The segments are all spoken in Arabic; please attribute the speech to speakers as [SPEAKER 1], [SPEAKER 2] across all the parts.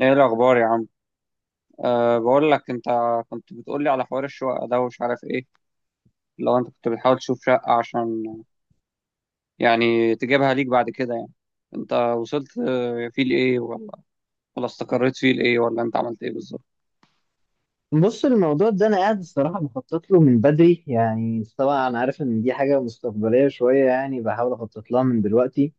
[SPEAKER 1] ايه الاخبار يا عم؟ بقول لك انت، كنت بتقول لي على حوار الشقه ده ومش عارف ايه. لو انت كنت بتحاول تشوف شقه عشان يعني تجيبها ليك بعد كده يعني، انت وصلت فيه لايه ولا استقريت فيه لايه، ولا انت عملت ايه بالظبط؟
[SPEAKER 2] بص، الموضوع ده انا قاعد الصراحه بخطط له من بدري. يعني طبعا انا عارف ان دي حاجه مستقبليه شويه، يعني بحاول اخطط لها من دلوقتي.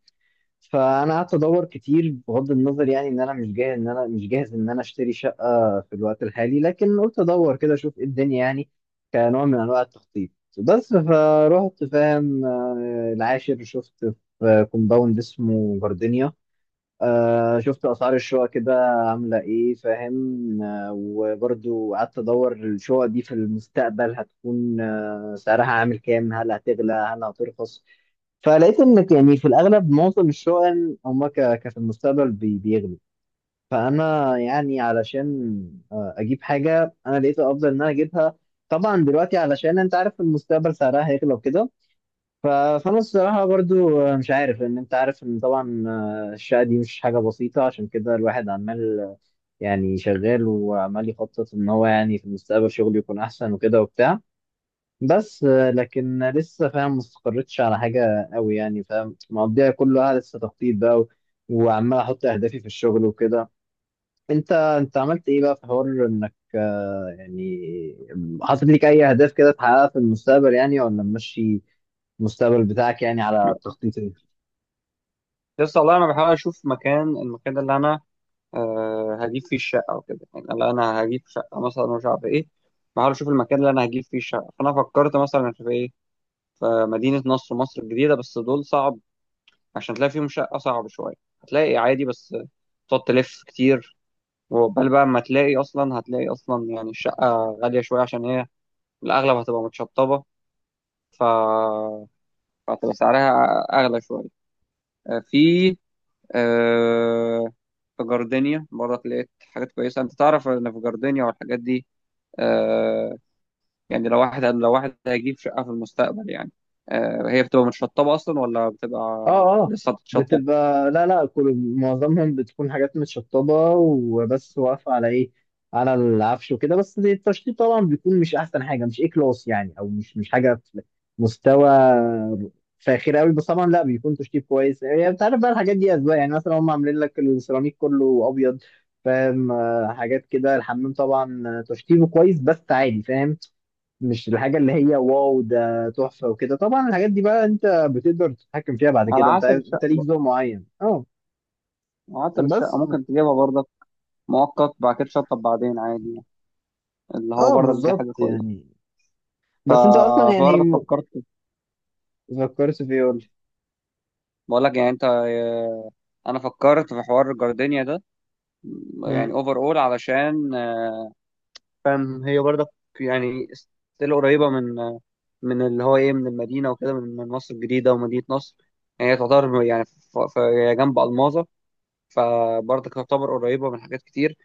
[SPEAKER 2] فانا قعدت ادور كتير، بغض النظر يعني ان انا مش جاهز ان انا اشتري شقه في الوقت الحالي، لكن قلت ادور كده اشوف ايه الدنيا يعني، كنوع من انواع التخطيط. بس فروحت، فاهم، العاشر شفت في كومباوند اسمه جاردينيا. آه، شفت اسعار الشقق كده عامله ايه، فاهم، وبرضو قعدت ادور الشقق دي في المستقبل هتكون سعرها عامل كام، هل هتغلى هل هترخص. فلقيت ان يعني في الاغلب معظم الشقق هما في المستقبل بيغلوا. فانا يعني علشان اجيب حاجه، انا لقيت الافضل ان انا اجيبها طبعا دلوقتي، علشان انت عارف المستقبل سعرها هيغلى وكده. ف- فانا الصراحه برضو مش عارف، لان انت عارف ان طبعا الشقه دي مش حاجه بسيطه، عشان كده الواحد عمال يعني شغال وعمال يخطط ان هو يعني في المستقبل شغله يكون احسن وكده وبتاع. بس لكن لسه، فاهم، ما استقرتش على حاجه قوي، يعني فاهم، مقضيها كلها لسه تخطيط بقى وعمال احط اهدافي في الشغل وكده. انت عملت ايه بقى في حوار انك يعني حاطط لك اي اهداف كده تحققها في المستقبل يعني، ولا ماشي المستقبل بتاعك يعني على التخطيط ايه؟
[SPEAKER 1] لسه والله، انا بحاول اشوف مكان، المكان ده اللي انا هجيب فيه الشقه وكده، يعني اللي انا هجيب شقه مثلا مش عارف ايه. بحاول اشوف المكان اللي انا هجيب فيه الشقه، فانا فكرت مثلا في ايه، في مدينه نصر، مصر الجديده، بس دول صعب عشان تلاقي فيهم شقة، صعب شوية. هتلاقي عادي بس تقعد تلف كتير، وقبل بقى ما تلاقي أصلا، هتلاقي أصلا يعني الشقة غالية شوية عشان هي الأغلب هتبقى متشطبة. ف... فهتبقى سعرها أغلى شوية. آه، في آه، في جاردينيا برضه لقيت حاجات كويسة. أنت تعرف إن في جاردينيا والحاجات دي، آه، يعني لو واحد هيجيب شقة في المستقبل يعني، هي بتبقى متشطبة أصلا ولا
[SPEAKER 2] اه.
[SPEAKER 1] بتبقى
[SPEAKER 2] اه.
[SPEAKER 1] لسه هتتشطب؟
[SPEAKER 2] بتبقى، لا لا، كل معظمهم بتكون حاجات متشطبة وبس، واقفة على ايه، على العفش وكده. بس التشطيب طبعا بيكون مش احسن حاجة، مش ايه كلاس يعني، او مش حاجة في مستوى فاخر قوي. بس طبعا لا، بيكون تشطيب كويس يعني، انت عارف بقى الحاجات دي اذواق. يعني مثلا هم عاملين لك السيراميك كله ابيض، فاهم، حاجات كده. الحمام طبعا تشطيبه كويس بس عادي، فاهم، مش الحاجه اللي هي واو ده تحفه وكده. طبعا الحاجات دي بقى انت بتقدر تتحكم فيها بعد كده،
[SPEAKER 1] على
[SPEAKER 2] انت
[SPEAKER 1] حسب
[SPEAKER 2] عايز، انت ليك
[SPEAKER 1] الشقة.
[SPEAKER 2] ذوق معين. اه.
[SPEAKER 1] عطر الشقة
[SPEAKER 2] بس
[SPEAKER 1] ممكن تجيبها برضك مؤقت، بعد كده تشطب بعدين عادي يعني. اللي هو
[SPEAKER 2] اه،
[SPEAKER 1] برضك دي حاجة
[SPEAKER 2] بالظبط
[SPEAKER 1] كويسة.
[SPEAKER 2] يعني.
[SPEAKER 1] ف-
[SPEAKER 2] بس انت اصلا يعني،
[SPEAKER 1] فبرضك فكرت.
[SPEAKER 2] فكرت في ايه، قول لي.
[SPEAKER 1] بقول لك يعني انت، انا فكرت في حوار الجاردينيا ده. يعني
[SPEAKER 2] مم.
[SPEAKER 1] اوفر اول، علشان فاهم، هي برضك يعني ستيل قريبة من من اللي هو ايه، من المدينة وكده، من مصر الجديدة ومدينة نصر. يعني هي تعتبر يعني، هي جنب ألماظة، فبرضك تعتبر قريبة من حاجات كتير.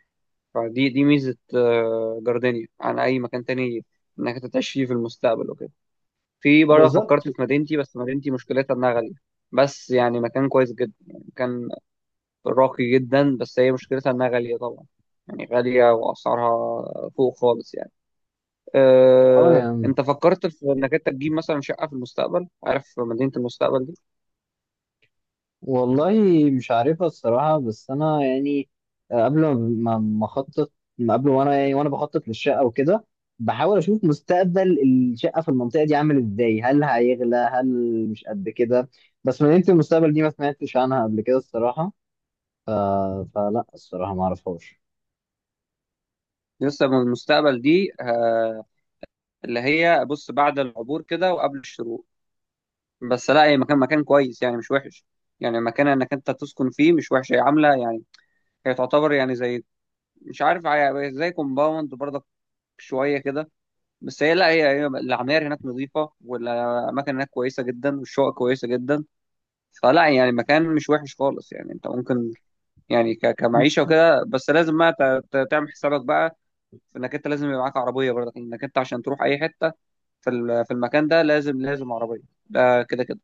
[SPEAKER 1] فدي دي ميزة جاردينيا عن أي مكان تاني، إنك أنت تعيش فيه في المستقبل وكده. في برضه
[SPEAKER 2] بالظبط.
[SPEAKER 1] فكرت في مدينتي، بس مدينتي مشكلتها إنها غالية. بس يعني مكان كويس جدا، يعني مكان راقي جدا، بس هي مشكلتها إنها غالية طبعا، يعني غالية وأسعارها فوق خالص يعني.
[SPEAKER 2] اه يعني،
[SPEAKER 1] أنت فكرت في إنك أنت تجيب مثلا شقة في المستقبل؟ عارف مدينة المستقبل دي؟
[SPEAKER 2] والله مش عارفها الصراحة، بس أنا يعني قبل ما أخطط، ما قبل وأنا يعني وأنا بخطط للشقة وكده، بحاول أشوف مستقبل الشقة في المنطقة دي عامل إزاي، هل هيغلى هل مش قد كده. بس من أنت، المستقبل دي ما سمعتش عنها قبل كده الصراحة. ف... فلا الصراحة ما أعرفهاش.
[SPEAKER 1] لسه من المستقبل دي اللي هي بص بعد العبور كده وقبل الشروق. بس لا، هي مكان، مكان كويس يعني مش وحش. يعني مكان انك انت تسكن فيه مش وحش، هي عامله يعني، هي تعتبر يعني زي، مش عارف، زي كومباوند برضك شويه كده. بس هي لا، هي العماير هناك نظيفه، والاماكن هناك كويسه جدا، والشقق كويسه جدا. فلا، يعني مكان مش وحش خالص يعني، انت ممكن يعني كمعيشه وكده. بس لازم بقى تعمل حسابك بقى في انك انت لازم يبقى معاك عربيه برضك، انك انت عشان تروح اي حته في في المكان ده، لازم، لازم عربيه، ده كده كده.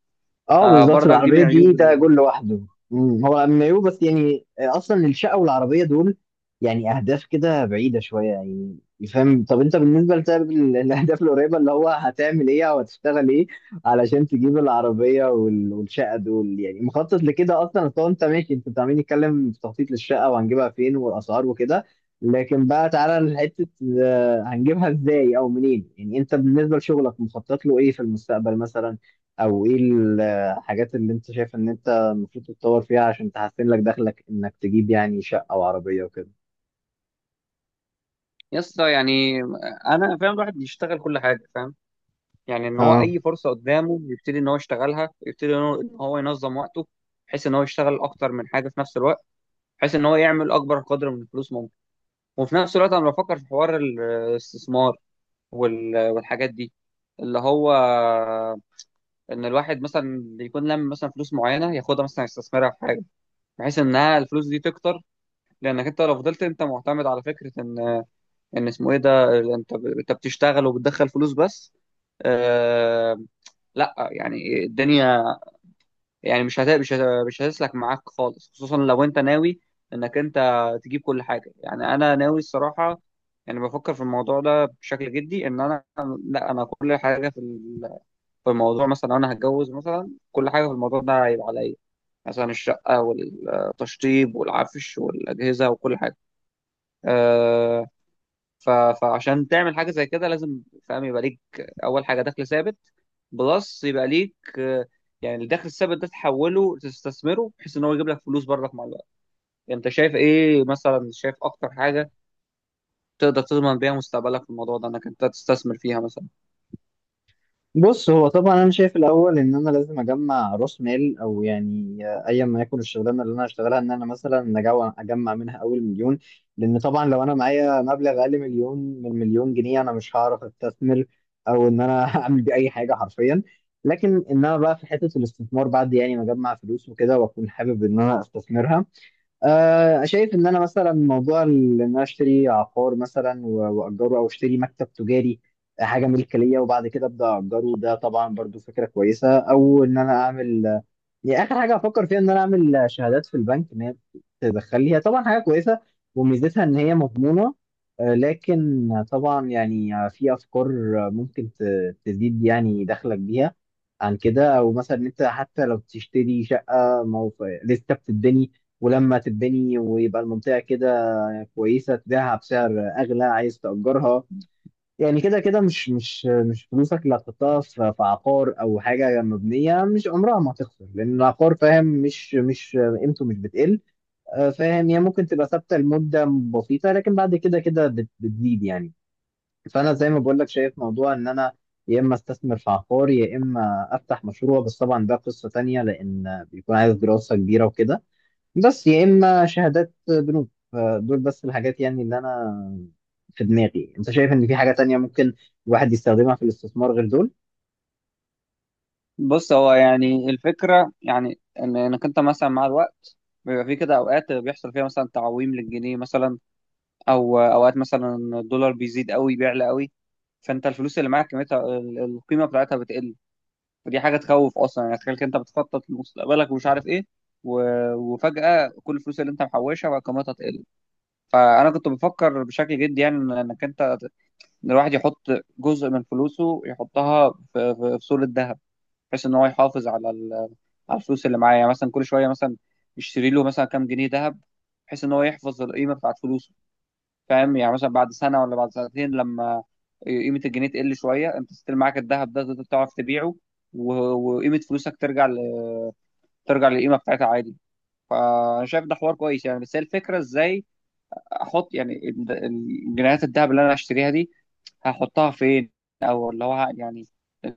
[SPEAKER 2] اه بالظبط.
[SPEAKER 1] برضك دي
[SPEAKER 2] العربية
[SPEAKER 1] من عيوب.
[SPEAKER 2] دي ده جول لوحده. هو امبايو. بس يعني اصلا الشقة والعربية دول يعني اهداف كده بعيدة شوية يعني، فاهم. طب انت بالنسبة لسبب الاهداف القريبة اللي هو هتعمل ايه او هتشتغل ايه علشان تجيب العربية والشقة دول يعني، مخطط لكده اصلا؟ اصل هو انت ماشي، انت عمالين نتكلم في تخطيط للشقة وهنجيبها فين والاسعار وكده، لكن بقى تعالى لحتة، هنجيبها ازاي او منين؟ يعني انت بالنسبة لشغلك مخطط له ايه في المستقبل مثلا، او ايه الحاجات اللي انت شايف ان انت المفروض تتطور فيها عشان تحسن لك دخلك انك تجيب يعني شقة وعربية وكده؟
[SPEAKER 1] يا اسطى يعني، انا فاهم الواحد بيشتغل كل حاجه، فاهم، يعني ان هو
[SPEAKER 2] اه.
[SPEAKER 1] اي فرصه قدامه يبتدي ان هو يشتغلها، يبتدي ان هو إن هو ينظم وقته، بحيث ان هو يشتغل اكتر من حاجه في نفس الوقت، بحيث ان هو يعمل اكبر قدر من الفلوس ممكن. وفي نفس الوقت انا بفكر في حوار الاستثمار والحاجات دي، اللي هو ان الواحد مثلا يكون لم مثلا فلوس معينه، ياخدها مثلا يستثمرها في حاجه بحيث انها الفلوس دي تكتر. لانك انت لو فضلت انت معتمد على فكره ان، ان اسمه ايه ده، انت انت بتشتغل وبتدخل فلوس بس، آه، لا يعني الدنيا يعني مش هتسلك معاك خالص، خصوصا لو انت ناوي انك انت تجيب كل حاجه. يعني انا ناوي الصراحه، يعني بفكر في الموضوع ده بشكل جدي، ان انا لا، انا كل حاجه في في الموضوع، مثلا لو انا هتجوز مثلا، كل حاجه في الموضوع ده هيبقى عليا، مثلا الشقه والتشطيب والعفش والاجهزه وكل حاجه. آه، ف- فعشان تعمل حاجه زي كده لازم، فاهم، يبقى ليك اول حاجه دخل ثابت بلس، يبقى ليك يعني الدخل الثابت ده تحوله تستثمره بحيث ان هو يجيب لك فلوس برضك مع الوقت. انت شايف ايه مثلا؟ شايف اكتر حاجه تقدر تضمن بيها مستقبلك في الموضوع ده، انك انت تستثمر فيها مثلا؟
[SPEAKER 2] بص هو طبعا انا شايف الاول ان انا لازم اجمع راس مال، او يعني ايا ما يكون الشغلانه اللي انا هشتغلها ان انا مثلا اجمع منها اول 1,000,000. لان طبعا لو انا معايا مبلغ اقل 1,000,000، من 1,000,000 جنيه، انا مش هعرف استثمر او ان انا اعمل بيه اي حاجه حرفيا. لكن ان انا بقى في حته الاستثمار بعد يعني ما اجمع فلوس وكده واكون حابب ان انا استثمرها، شايف ان انا مثلا موضوع ان انا اشتري عقار مثلا واجره، او اشتري مكتب تجاري، حاجه ملك ليا وبعد كده ابدا اجره. ده طبعا برضو فكره كويسه. او ان انا اعمل، يعني اخر حاجه افكر فيها، ان انا اعمل شهادات في البنك ان هي تدخل لي، هي طبعا حاجه كويسه وميزتها ان هي مضمونه. لكن طبعا يعني في افكار ممكن تزيد يعني دخلك بيها عن كده. او مثلا إن انت حتى لو تشتري شقه لسه بتتبني، ولما تتبني ويبقى المنطقة كده كويسة، تبيعها بسعر أغلى، عايز تأجرها. يعني كده كده، مش فلوسك اللي هتحطها في عقار أو حاجة مبنية مش عمرها ما هتخسر، لأن العقار فاهم، مش قيمته مش بتقل. فاهم، هي ممكن تبقى ثابتة لمدة بسيطة، لكن بعد كده كده بتزيد يعني. فأنا زي ما بقول لك، شايف موضوع إن أنا يا إما استثمر في عقار، يا إما أفتح مشروع، بس طبعا ده قصة تانية لأن بيكون عايز دراسة كبيرة وكده. بس يا اما شهادات بنوك. فدول بس الحاجات يعني اللي انا في دماغي. انت شايف ان في حاجة تانية ممكن الواحد يستخدمها في الاستثمار غير دول؟
[SPEAKER 1] بص، هو يعني الفكره يعني ان انك انت مثلا مع الوقت، بيبقى في كده اوقات بيحصل فيها مثلا تعويم للجنيه مثلا، او اوقات مثلا الدولار بيزيد قوي، بيعلى قوي، فانت الفلوس اللي معاك قيمتها القيمه بتاعتها بتقل. فدي حاجه تخوف اصلا يعني. تخيل كده، انت بتخطط لمستقبلك ومش عارف ايه، وفجاه كل الفلوس اللي انت محوشها بقى قيمتها تقل. فانا كنت بفكر بشكل جدي يعني، إن الواحد يحط جزء من فلوسه، يحطها في في صورة ذهب، بحيث ان هو يحافظ على على الفلوس اللي معاه. يعني مثلا كل شويه مثلا يشتري له مثلا كام جنيه ذهب، بحيث ان هو يحفظ القيمه بتاعت فلوسه. فاهم؟ يعني مثلا بعد سنه ولا بعد سنتين لما قيمه الجنيه تقل شويه، انت ستيل معاك الذهب ده تقدر تعرف تبيعه، و- وقيمه فلوسك ترجع ترجع للقيمه بتاعتها عادي. فانا شايف ده حوار كويس يعني. بس هي الفكره ازاي احط يعني جنيهات الذهب اللي انا هشتريها دي، هحطها فين؟ او اللي هو يعني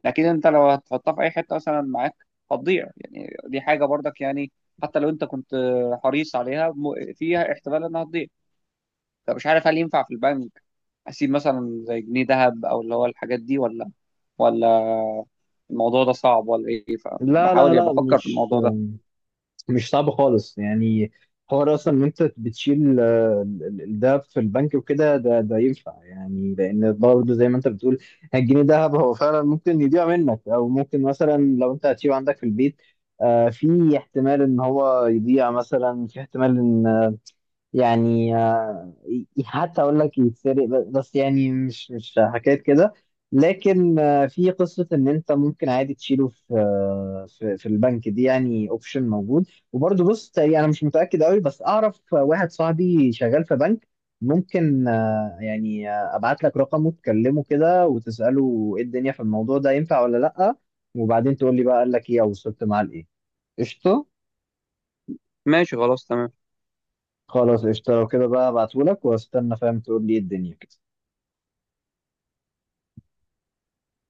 [SPEAKER 1] اكيد انت لو هتحطها في اي حته مثلا معاك هتضيع. يعني دي حاجه برضك يعني، حتى لو انت كنت حريص عليها فيها احتمال انها تضيع. فمش عارف هل ينفع في البنك اسيب مثلا زي جنيه ذهب او اللي هو الحاجات دي، ولا، ولا الموضوع ده صعب، ولا ايه؟
[SPEAKER 2] لا لا
[SPEAKER 1] فبحاول يعني
[SPEAKER 2] لا،
[SPEAKER 1] بفكر في
[SPEAKER 2] مش
[SPEAKER 1] الموضوع ده.
[SPEAKER 2] مش صعب خالص يعني. حوار اصلا ان انت بتشيل ده في البنك وكده، ده ينفع يعني. لان برضه زي ما انت بتقول، الجنيه دهب هو فعلا ممكن يضيع منك، او ممكن مثلا لو انت هتسيبه عندك في البيت، في احتمال ان هو يضيع، مثلا في احتمال ان، يعني حتى اقول لك يتسرق. بس يعني مش حكايه كده. لكن في قصه ان انت ممكن عادي تشيله في في البنك. دي يعني اوبشن موجود. وبرضه بص، تقريباً انا مش متاكد قوي، بس اعرف واحد صاحبي شغال في بنك. ممكن ابعت لك رقمه تكلمه كده وتساله ايه الدنيا في الموضوع ده ينفع ولا لا، وبعدين تقول لي بقى قال لك ايه او وصلت معاه لايه. قشطه.
[SPEAKER 1] ماشي، خلاص، تمام.
[SPEAKER 2] خلاص قشطه. لو كده بقى، ابعتهولك واستنى، فاهم، تقول لي ايه الدنيا كده.